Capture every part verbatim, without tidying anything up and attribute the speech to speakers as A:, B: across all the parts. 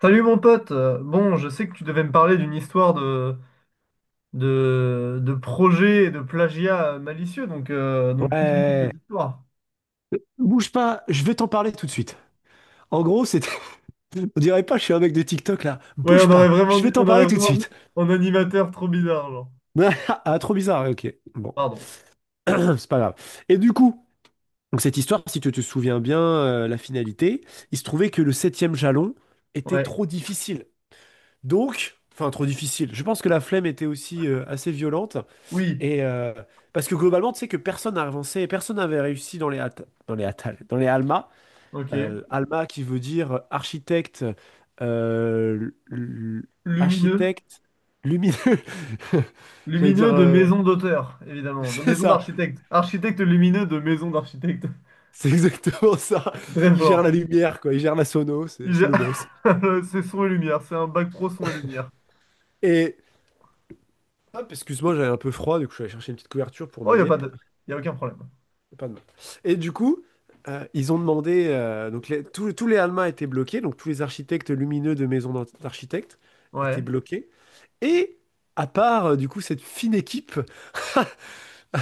A: Salut mon pote, Euh, bon je sais que tu devais me parler d'une histoire de, de, de projet et de plagiat euh, malicieux, donc, euh, donc continue
B: Ouais,
A: cette histoire.
B: bouge pas, je vais t'en parler tout de suite. En gros, c'était. On dirait pas, je suis un mec de TikTok là.
A: Ouais,
B: Bouge
A: on aurait
B: pas,
A: vraiment
B: je
A: dit,
B: vais t'en
A: on aurait
B: parler tout de
A: vraiment dit
B: suite.
A: en animateur trop bizarre, genre.
B: Ah, trop bizarre, ouais, ok. Bon,
A: Pardon.
B: c'est pas grave. Et du coup, donc cette histoire, si tu te souviens bien, euh, la finalité, il se trouvait que le septième jalon était
A: Ouais,
B: trop difficile. Donc, enfin, trop difficile. Je pense que la flemme était aussi euh, assez violente.
A: oui,
B: Et euh, parce que globalement, tu sais que personne n'a avancé, personne n'avait réussi dans les, Atta- dans les Atal, dans les Alma.
A: ok.
B: Euh, Alma qui veut dire architecte, euh, l- l-
A: Lumineux.
B: architecte lumineux. J'allais dire,
A: Lumineux de
B: euh,
A: maison d'auteur, évidemment, de
B: c'est
A: maison
B: ça,
A: d'architecte. Architecte lumineux de maison d'architecte.
B: c'est exactement ça.
A: Très
B: Il gère la
A: fort.
B: lumière, quoi. Il gère la sono, c'est
A: Je-
B: c'est le boss.
A: C'est son et lumière, c'est un bac pro son et lumière.
B: Et hop, excuse-moi, j'avais un peu froid, du coup je suis allé chercher une petite couverture pour
A: Oh,
B: mes
A: il n'y a pas
B: yep.
A: de... Il n'y a aucun problème.
B: Pas de mal. Et du coup, euh, ils ont demandé, euh, donc les- tous, tous les Alma étaient bloqués, donc tous les architectes lumineux de maisons d'architectes
A: Ouais.
B: étaient bloqués. Et à part, euh, du coup, cette fine équipe.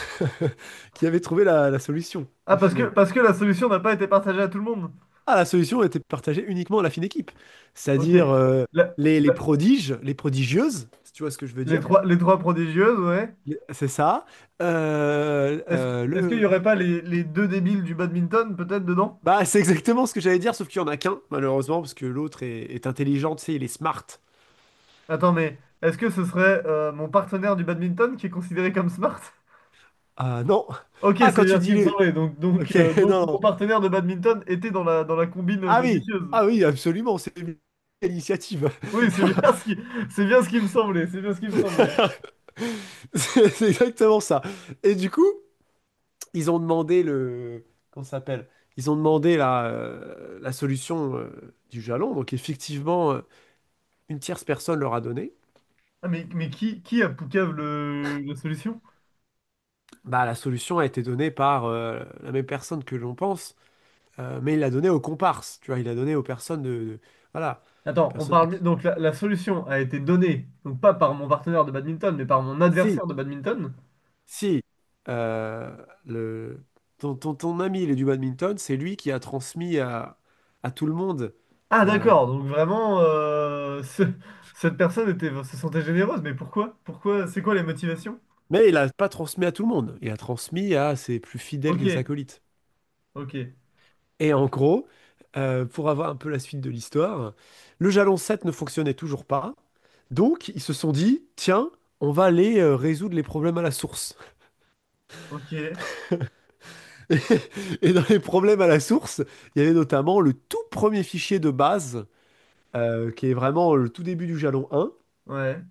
B: qui avait trouvé la, la solution
A: Ah,
B: au
A: parce que,
B: final.
A: parce que la solution n'a pas été partagée à tout le monde.
B: Ah, la solution était partagée uniquement à la fine équipe,
A: Ok.
B: c'est-à-dire euh,
A: La-
B: les, les
A: la-
B: prodiges, les prodigieuses, si tu vois ce que je veux
A: les
B: dire.
A: trois, les trois prodigieuses, ouais.
B: Les- C'est ça. Euh,
A: Est-ce, que-
B: euh,
A: est-ce qu'il n'y
B: le...
A: aurait pas les, les deux débiles du badminton, peut-être, dedans?
B: Bah, c'est exactement ce que j'allais dire, sauf qu'il y en a qu'un, malheureusement, parce que l'autre est, est intelligent, tu sais, il est smart.
A: Attends, mais est-ce que ce serait euh, mon partenaire du badminton qui est considéré comme smart?
B: Ah non.
A: Ok,
B: Ah,
A: c'est
B: quand
A: bien
B: tu
A: ce
B: dis
A: qui me
B: le...
A: semblait. Donc, donc,
B: Ok,
A: euh, donc
B: non,
A: mon
B: non.
A: partenaire de badminton était dans la, dans la combine euh,
B: Ah oui,
A: malicieuse.
B: ah oui, absolument, c'est une initiative.
A: Oui, c'est bien ce qui, c'est bien ce qui me semblait. C'est bien ce qui me semblait.
B: C'est c'est exactement ça. Et du coup, ils ont demandé le... Comment ça s'appelle? Ils ont demandé la, euh, la solution euh, du jalon. Donc effectivement, euh, une tierce personne leur a donné.
A: Ah, mais, mais qui, qui a Poucave le, la solution?
B: Bah, la solution a été donnée par euh, la même personne que l'on pense, euh, mais il l'a donnée aux comparses. Tu vois, il l'a donnée aux personnes de... de- voilà.
A: Attends, on
B: Personnes
A: parle
B: qui...
A: donc la, la solution a été donnée, donc pas par mon partenaire de badminton, mais par mon
B: Si,
A: adversaire de badminton.
B: si. euh, le... ton, ton, ton ami, il est du badminton, c'est lui qui a transmis à, à tout le monde
A: Ah
B: la...
A: d'accord, donc vraiment euh, ce- cette personne était se sentait généreuse, mais pourquoi? Pourquoi? C'est quoi les motivations?
B: Mais il n'a pas transmis à tout le monde. Il a transmis à ses plus fidèles
A: Ok,
B: acolytes.
A: ok,
B: Et en gros, euh, pour avoir un peu la suite de l'histoire, le jalon sept ne fonctionnait toujours pas. Donc, ils se sont dit, tiens, on va aller euh, résoudre les problèmes à la source.
A: ok,
B: Et, et dans les problèmes à la source, il y avait notamment le tout premier fichier de base, euh, qui est vraiment le tout début du jalon un.
A: ouais,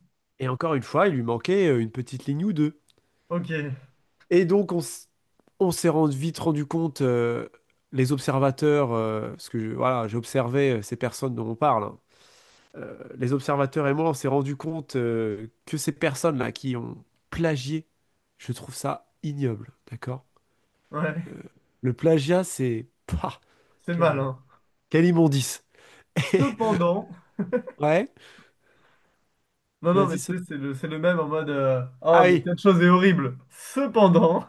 B: Et encore une fois, il lui manquait euh, une petite ligne ou deux.
A: ok,
B: Et donc, on, s- on s'est rendu- vite rendu compte, euh, les observateurs, euh, parce que je- voilà, j'ai observé euh, ces personnes dont on parle, hein, euh, les observateurs et moi, on s'est rendu compte euh, que ces personnes-là qui ont plagié, je trouve ça ignoble, d'accord?
A: ouais,
B: Le, le plagiat, c'est... Pah,
A: c'est mal,
B: quelle,
A: hein.
B: quelle immondice.
A: Cependant,
B: Ouais,
A: non non mais
B: vas-y, ce...
A: tu sais c'est le c'est le même en mode euh, oh
B: Ah
A: mais
B: oui,
A: cette chose est horrible. Cependant,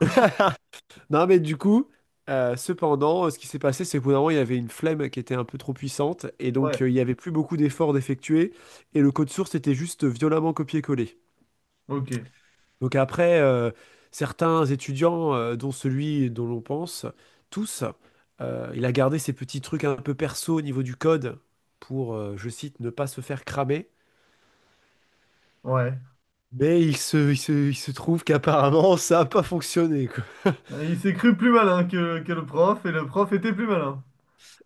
B: non mais du coup, euh, cependant, euh, ce qui s'est passé, c'est qu'au bout d'un moment, il y avait une flemme qui était un peu trop puissante, et donc
A: ouais,
B: euh, il n'y avait plus beaucoup d'efforts d'effectuer, et le code source était juste violemment copié-collé.
A: ok,
B: Donc après, euh, certains étudiants, euh, dont celui dont l'on pense, tous, euh, il a gardé ces petits trucs un peu perso au niveau du code pour, euh, je cite, ne pas se faire cramer.
A: ouais.
B: Mais il se, il se, il se trouve qu'apparemment, ça n'a pas fonctionné, quoi.
A: Il s'est cru plus malin que, que le prof et le prof était plus malin.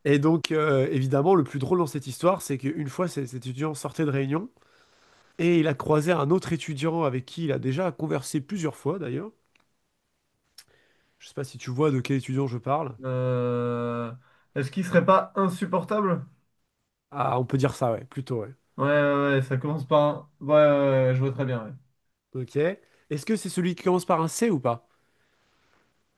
B: Et donc, euh, évidemment, le plus drôle dans cette histoire, c'est qu'une fois, cet cet étudiant sortait de réunion et il a croisé un autre étudiant avec qui il a déjà conversé plusieurs fois, d'ailleurs. Je sais pas si tu vois de quel étudiant je parle.
A: Euh, Est-ce qu'il serait pas insupportable?
B: Ah, on peut dire ça, ouais, plutôt, ouais.
A: Ouais, ouais, ouais, ça commence par un. Ouais, ouais, ouais, ouais, je vois très bien, ouais.
B: Ok. Est-ce que c'est celui qui commence par un C ou pas?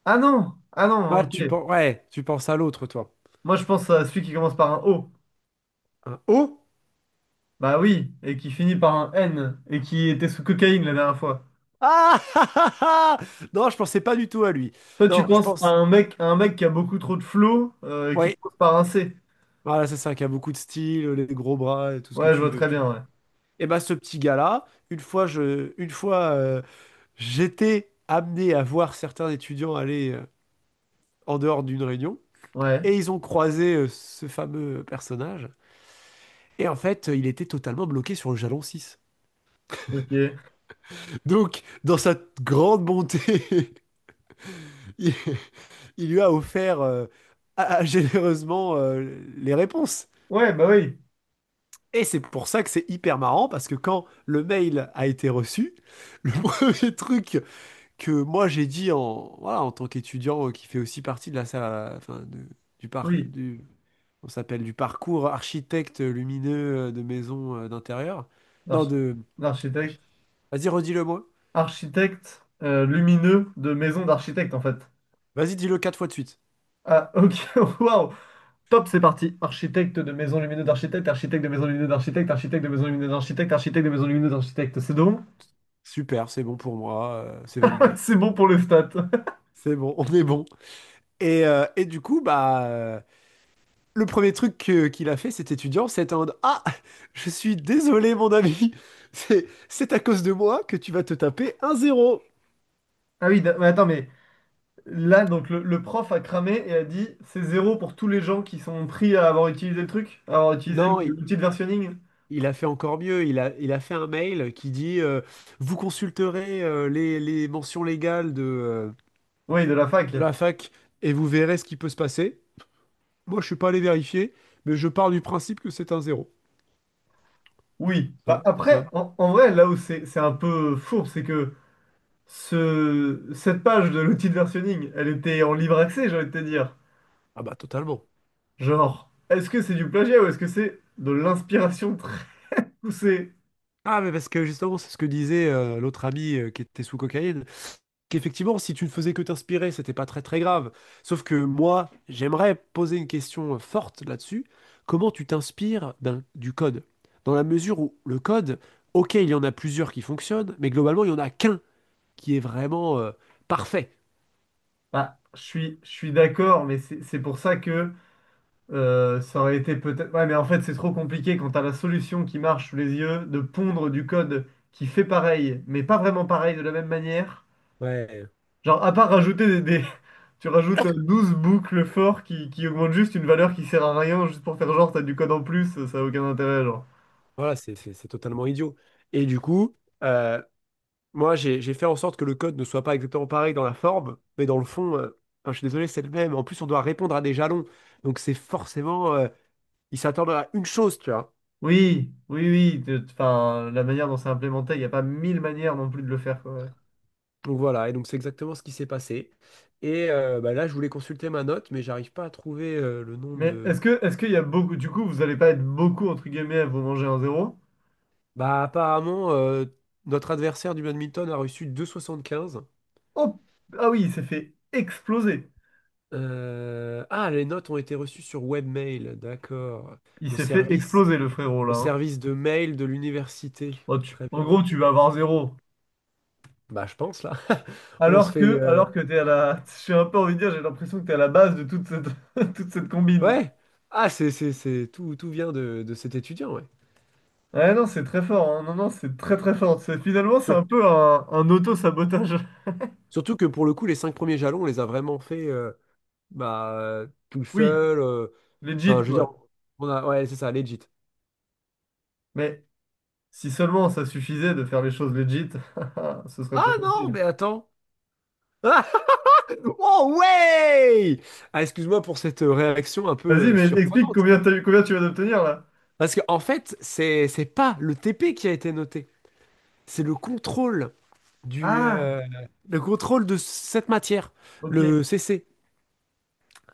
A: Ah non! Ah non,
B: Ah, tu
A: ok.
B: penses, ouais, tu penses à l'autre, toi.
A: Moi, je pense à celui qui commence par un O.
B: Un O?
A: Bah oui, et qui finit par un N, et qui était sous cocaïne la dernière fois.
B: Ah! Non, je pensais pas du tout à lui.
A: Toi, tu
B: Non, je
A: penses à
B: pense.
A: un mec, à un mec qui a beaucoup trop de flow, euh, qui
B: Oui.
A: commence par un C.
B: Voilà, c'est ça, qui a beaucoup de style, les gros bras, et tout ce que
A: Ouais, je
B: tu
A: vois
B: veux,
A: très
B: tu
A: bien,
B: vois.
A: ouais.
B: Et ben, ce petit gars-là, une fois, je, une fois, euh, j'étais amené à voir certains étudiants aller euh, en dehors d'une réunion,
A: Ouais,
B: et ils ont croisé euh, ce fameux personnage. Et en fait, il était totalement bloqué sur le jalon six.
A: ok.
B: Donc, dans sa grande bonté, il, il lui a offert euh, à- à- généreusement euh, les réponses.
A: Ouais, bah oui,
B: Et c'est pour ça que c'est hyper marrant, parce que quand le mail a été reçu, le premier truc que moi j'ai dit en, voilà, en tant qu'étudiant euh, qui fait aussi partie de la salle, enfin, de- du par,
A: oui.
B: du, on s'appelle du parcours architecte lumineux euh, de maison euh, d'intérieur. Non,
A: L'archi-
B: de...
A: L'architecte.
B: Vas-y, redis-le moi.
A: Architecte euh, lumineux de maison d'architecte, en fait.
B: Vas-y, dis-le quatre fois de suite.
A: Ah, ok, waouh! Top, c'est parti. Architecte de maison lumineuse d'architecte, architecte de maison lumineuse d'architecte, architecte de maison lumineuse d'architecte, architecte de maison lumineuse d'architecte. C'est bon?
B: Super, c'est bon pour moi, euh, c'est validé.
A: C'est bon pour le stat.
B: C'est bon, on est bon. Et, euh, et du coup, bah, euh, le premier truc que- qu'il a fait, cet étudiant, c'est en mode Ah, je suis désolé, mon ami, c'est c'est à cause de moi que tu vas te taper un zéro.
A: Ah oui, d- mais attends, mais là, donc le, le prof a cramé et a dit c'est zéro pour tous les gens qui sont pris à avoir utilisé le truc, à avoir utilisé le-
B: Non, il,
A: l'outil de versionning.
B: il a fait encore mieux. Il a, il a fait un mail qui dit euh, Vous consulterez euh, les, les mentions légales de, euh,
A: Oui, de la fac.
B: de la fac et vous verrez ce qui peut se passer. Moi, je suis pas allé vérifier, mais je pars du principe que c'est un zéro.
A: Oui. Bah,
B: Hein,
A: après,
B: ça,
A: en, en vrai, là où c'est c'est un peu fourbe, c'est que ce, cette page de l'outil de versionning, elle était en libre accès, j'ai envie de te dire.
B: ah bah, totalement.
A: Genre, est-ce que c'est du plagiat ou est-ce que c'est de l'inspiration poussé.
B: Ah, mais parce que justement, c'est ce que disait euh, l'autre ami euh, qui était sous cocaïne, qu'effectivement, si tu ne faisais que t'inspirer, c'était pas très très grave. Sauf que moi, j'aimerais poser une question euh, forte là-dessus. Comment tu t'inspires d'un- du code? Dans la mesure où le code, ok, il y en a plusieurs qui fonctionnent, mais globalement, il y en a qu'un qui est vraiment euh, parfait.
A: Bah, je suis, je suis d'accord, mais c'est c'est pour ça que euh, ça aurait été peut-être. Ouais, mais en fait, c'est trop compliqué quand t'as la solution qui marche sous les yeux de pondre du code qui fait pareil, mais pas vraiment pareil de la même manière.
B: Ouais,
A: Genre, à part rajouter des, des- Tu rajoutes douze boucles forts qui, qui augmentent juste une valeur qui sert à rien, juste pour faire genre, t'as du code en plus, ça a aucun intérêt, genre.
B: voilà, c'est c'est- c'est totalement idiot. Et du coup, euh, Moi, j'ai j'ai fait en sorte que le code ne soit pas exactement pareil dans la forme, mais dans le fond, euh, enfin, je suis désolé, c'est le même. En plus, on doit répondre à des jalons. Donc, c'est forcément, euh, ils s'attendent à une chose, tu vois.
A: Oui, oui, oui. de- Enfin, la manière dont c'est implémenté, il n'y a pas mille manières non plus de le faire, quoi, ouais.
B: Donc, voilà. Et donc, c'est exactement ce qui s'est passé. Et euh, bah, là, je voulais consulter ma note, mais j'arrive pas à trouver euh, le nom
A: Mais
B: de.
A: est-ce que est-ce qu'il y a beaucoup du coup vous allez pas être beaucoup entre guillemets à vous manger un zéro?
B: Bah, apparemment, euh, notre adversaire du badminton a reçu deux virgule soixante-quinze.
A: Oh ah oui il s'est fait exploser.
B: Euh, Ah, les notes ont été reçues sur webmail. D'accord.
A: Il
B: Le
A: s'est fait
B: service,
A: exploser le frérot là,
B: le
A: hein.
B: service de mail de l'université.
A: Oh, tu-
B: Très
A: en
B: bien.
A: gros tu vas avoir zéro.
B: Bah, je pense, là. On se
A: Alors
B: fait...
A: que
B: euh,
A: alors que t'es à la. J'ai un peu envie de dire, j'ai l'impression que t'es à la base de toute cette toute cette combine.
B: Ouais. Ah, c'est, c'est, c'est... Tout, tout, vient de, de cet étudiant, ouais.
A: Ouais non c'est très fort, hein. Non non c'est très très fort. C'est- Finalement c'est un
B: Sur-
A: peu un, un auto-sabotage.
B: Surtout que, pour le coup, les cinq premiers jalons, on les a vraiment fait euh, bah, euh, tout
A: Oui,
B: seul, euh,
A: legit
B: enfin, je veux dire,
A: quoi.
B: on a... Ouais, c'est ça, legit.
A: Mais si seulement ça suffisait de faire les choses legit, ce serait
B: Ah
A: trop
B: non,
A: facile.
B: mais attends. Ah oh, ouais! Ah, excuse-moi pour cette euh, réaction un
A: Vas-y,
B: peu euh,
A: mais explique
B: surprenante.
A: combien t'as eu, combien tu vas d'obtenir là.
B: Parce que, en fait, c'est, c'est pas le T P qui a été noté. C'est le contrôle du...
A: Ah,
B: euh, Le contrôle de cette matière.
A: ok.
B: Le C C.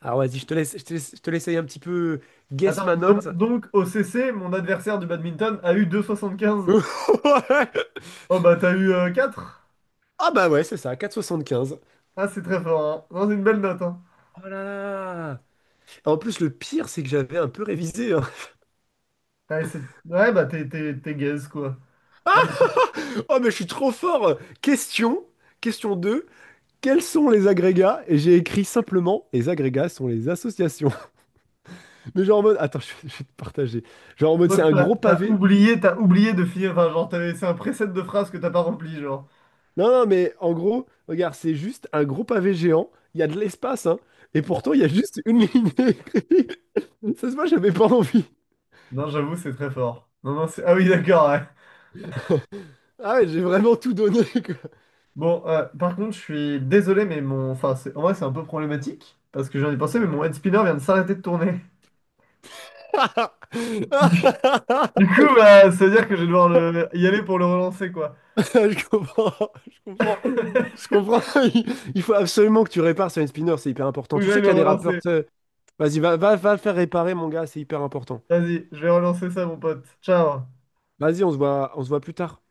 B: Alors vas-y, je te laisse, je te laisse, je te laisse aller un petit peu guess
A: Attends,
B: ma
A: donc,
B: note.
A: donc, au C C, mon adversaire du badminton a eu deux soixante quinze. Oh bah t'as eu euh, quatre.
B: Ah bah ouais, c'est ça, quatre virgule soixante-quinze.
A: Ah, c'est très fort, hein. Non, c'est une belle note, hein.
B: Oh là là! En plus, le pire, c'est que j'avais un peu révisé, hein.
A: Ouais, c'est- ouais, bah t'es t'es- t'es gaze, quoi. Non, mais écoute,
B: Oh mais je suis trop fort! Question, question deux. Quels sont les agrégats? Et j'ai écrit simplement, les agrégats sont les associations. Mais genre en mode, attends, je, je vais te partager. Genre en mode,
A: toi,
B: c'est un
A: t'as
B: gros
A: t'as
B: pavé.
A: oublié, t'as oublié de finir. Enfin, genre, t'as laissé un preset de phrase que t'as pas rempli, genre.
B: Non, non, mais en gros, regarde, c'est juste un gros pavé géant. Il y a de l'espace, hein. Et pourtant, il y a juste une ligne écrite. Ça se voit, j'avais pas envie.
A: Non, j'avoue, c'est très fort. Non, non, c'est. Ah oui, d'accord, ouais.
B: Ah ouais, j'ai vraiment tout donné, quoi.
A: Bon, euh, par contre, je suis désolé, mais mon. Enfin, c'est- en vrai, c'est un peu problématique. Parce que j'en ai pensé, mais
B: Ouais.
A: mon head spinner vient de s'arrêter de tourner. Du coup, bah, ça veut dire que je vais devoir le... y aller pour le relancer, quoi.
B: Je comprends, je comprends, je comprends. Il il faut absolument que tu répares sur une spinner, c'est hyper
A: Faut
B: important.
A: que
B: Tu
A: j'aille
B: sais qu'il
A: le
B: y a des rappeurs,
A: relancer.
B: tu sais. Vas-y, va, va, va le faire réparer, mon gars, c'est hyper important.
A: Vas-y, je vais relancer ça, mon pote. Ciao.
B: Vas-y, on se voit, on se voit plus tard.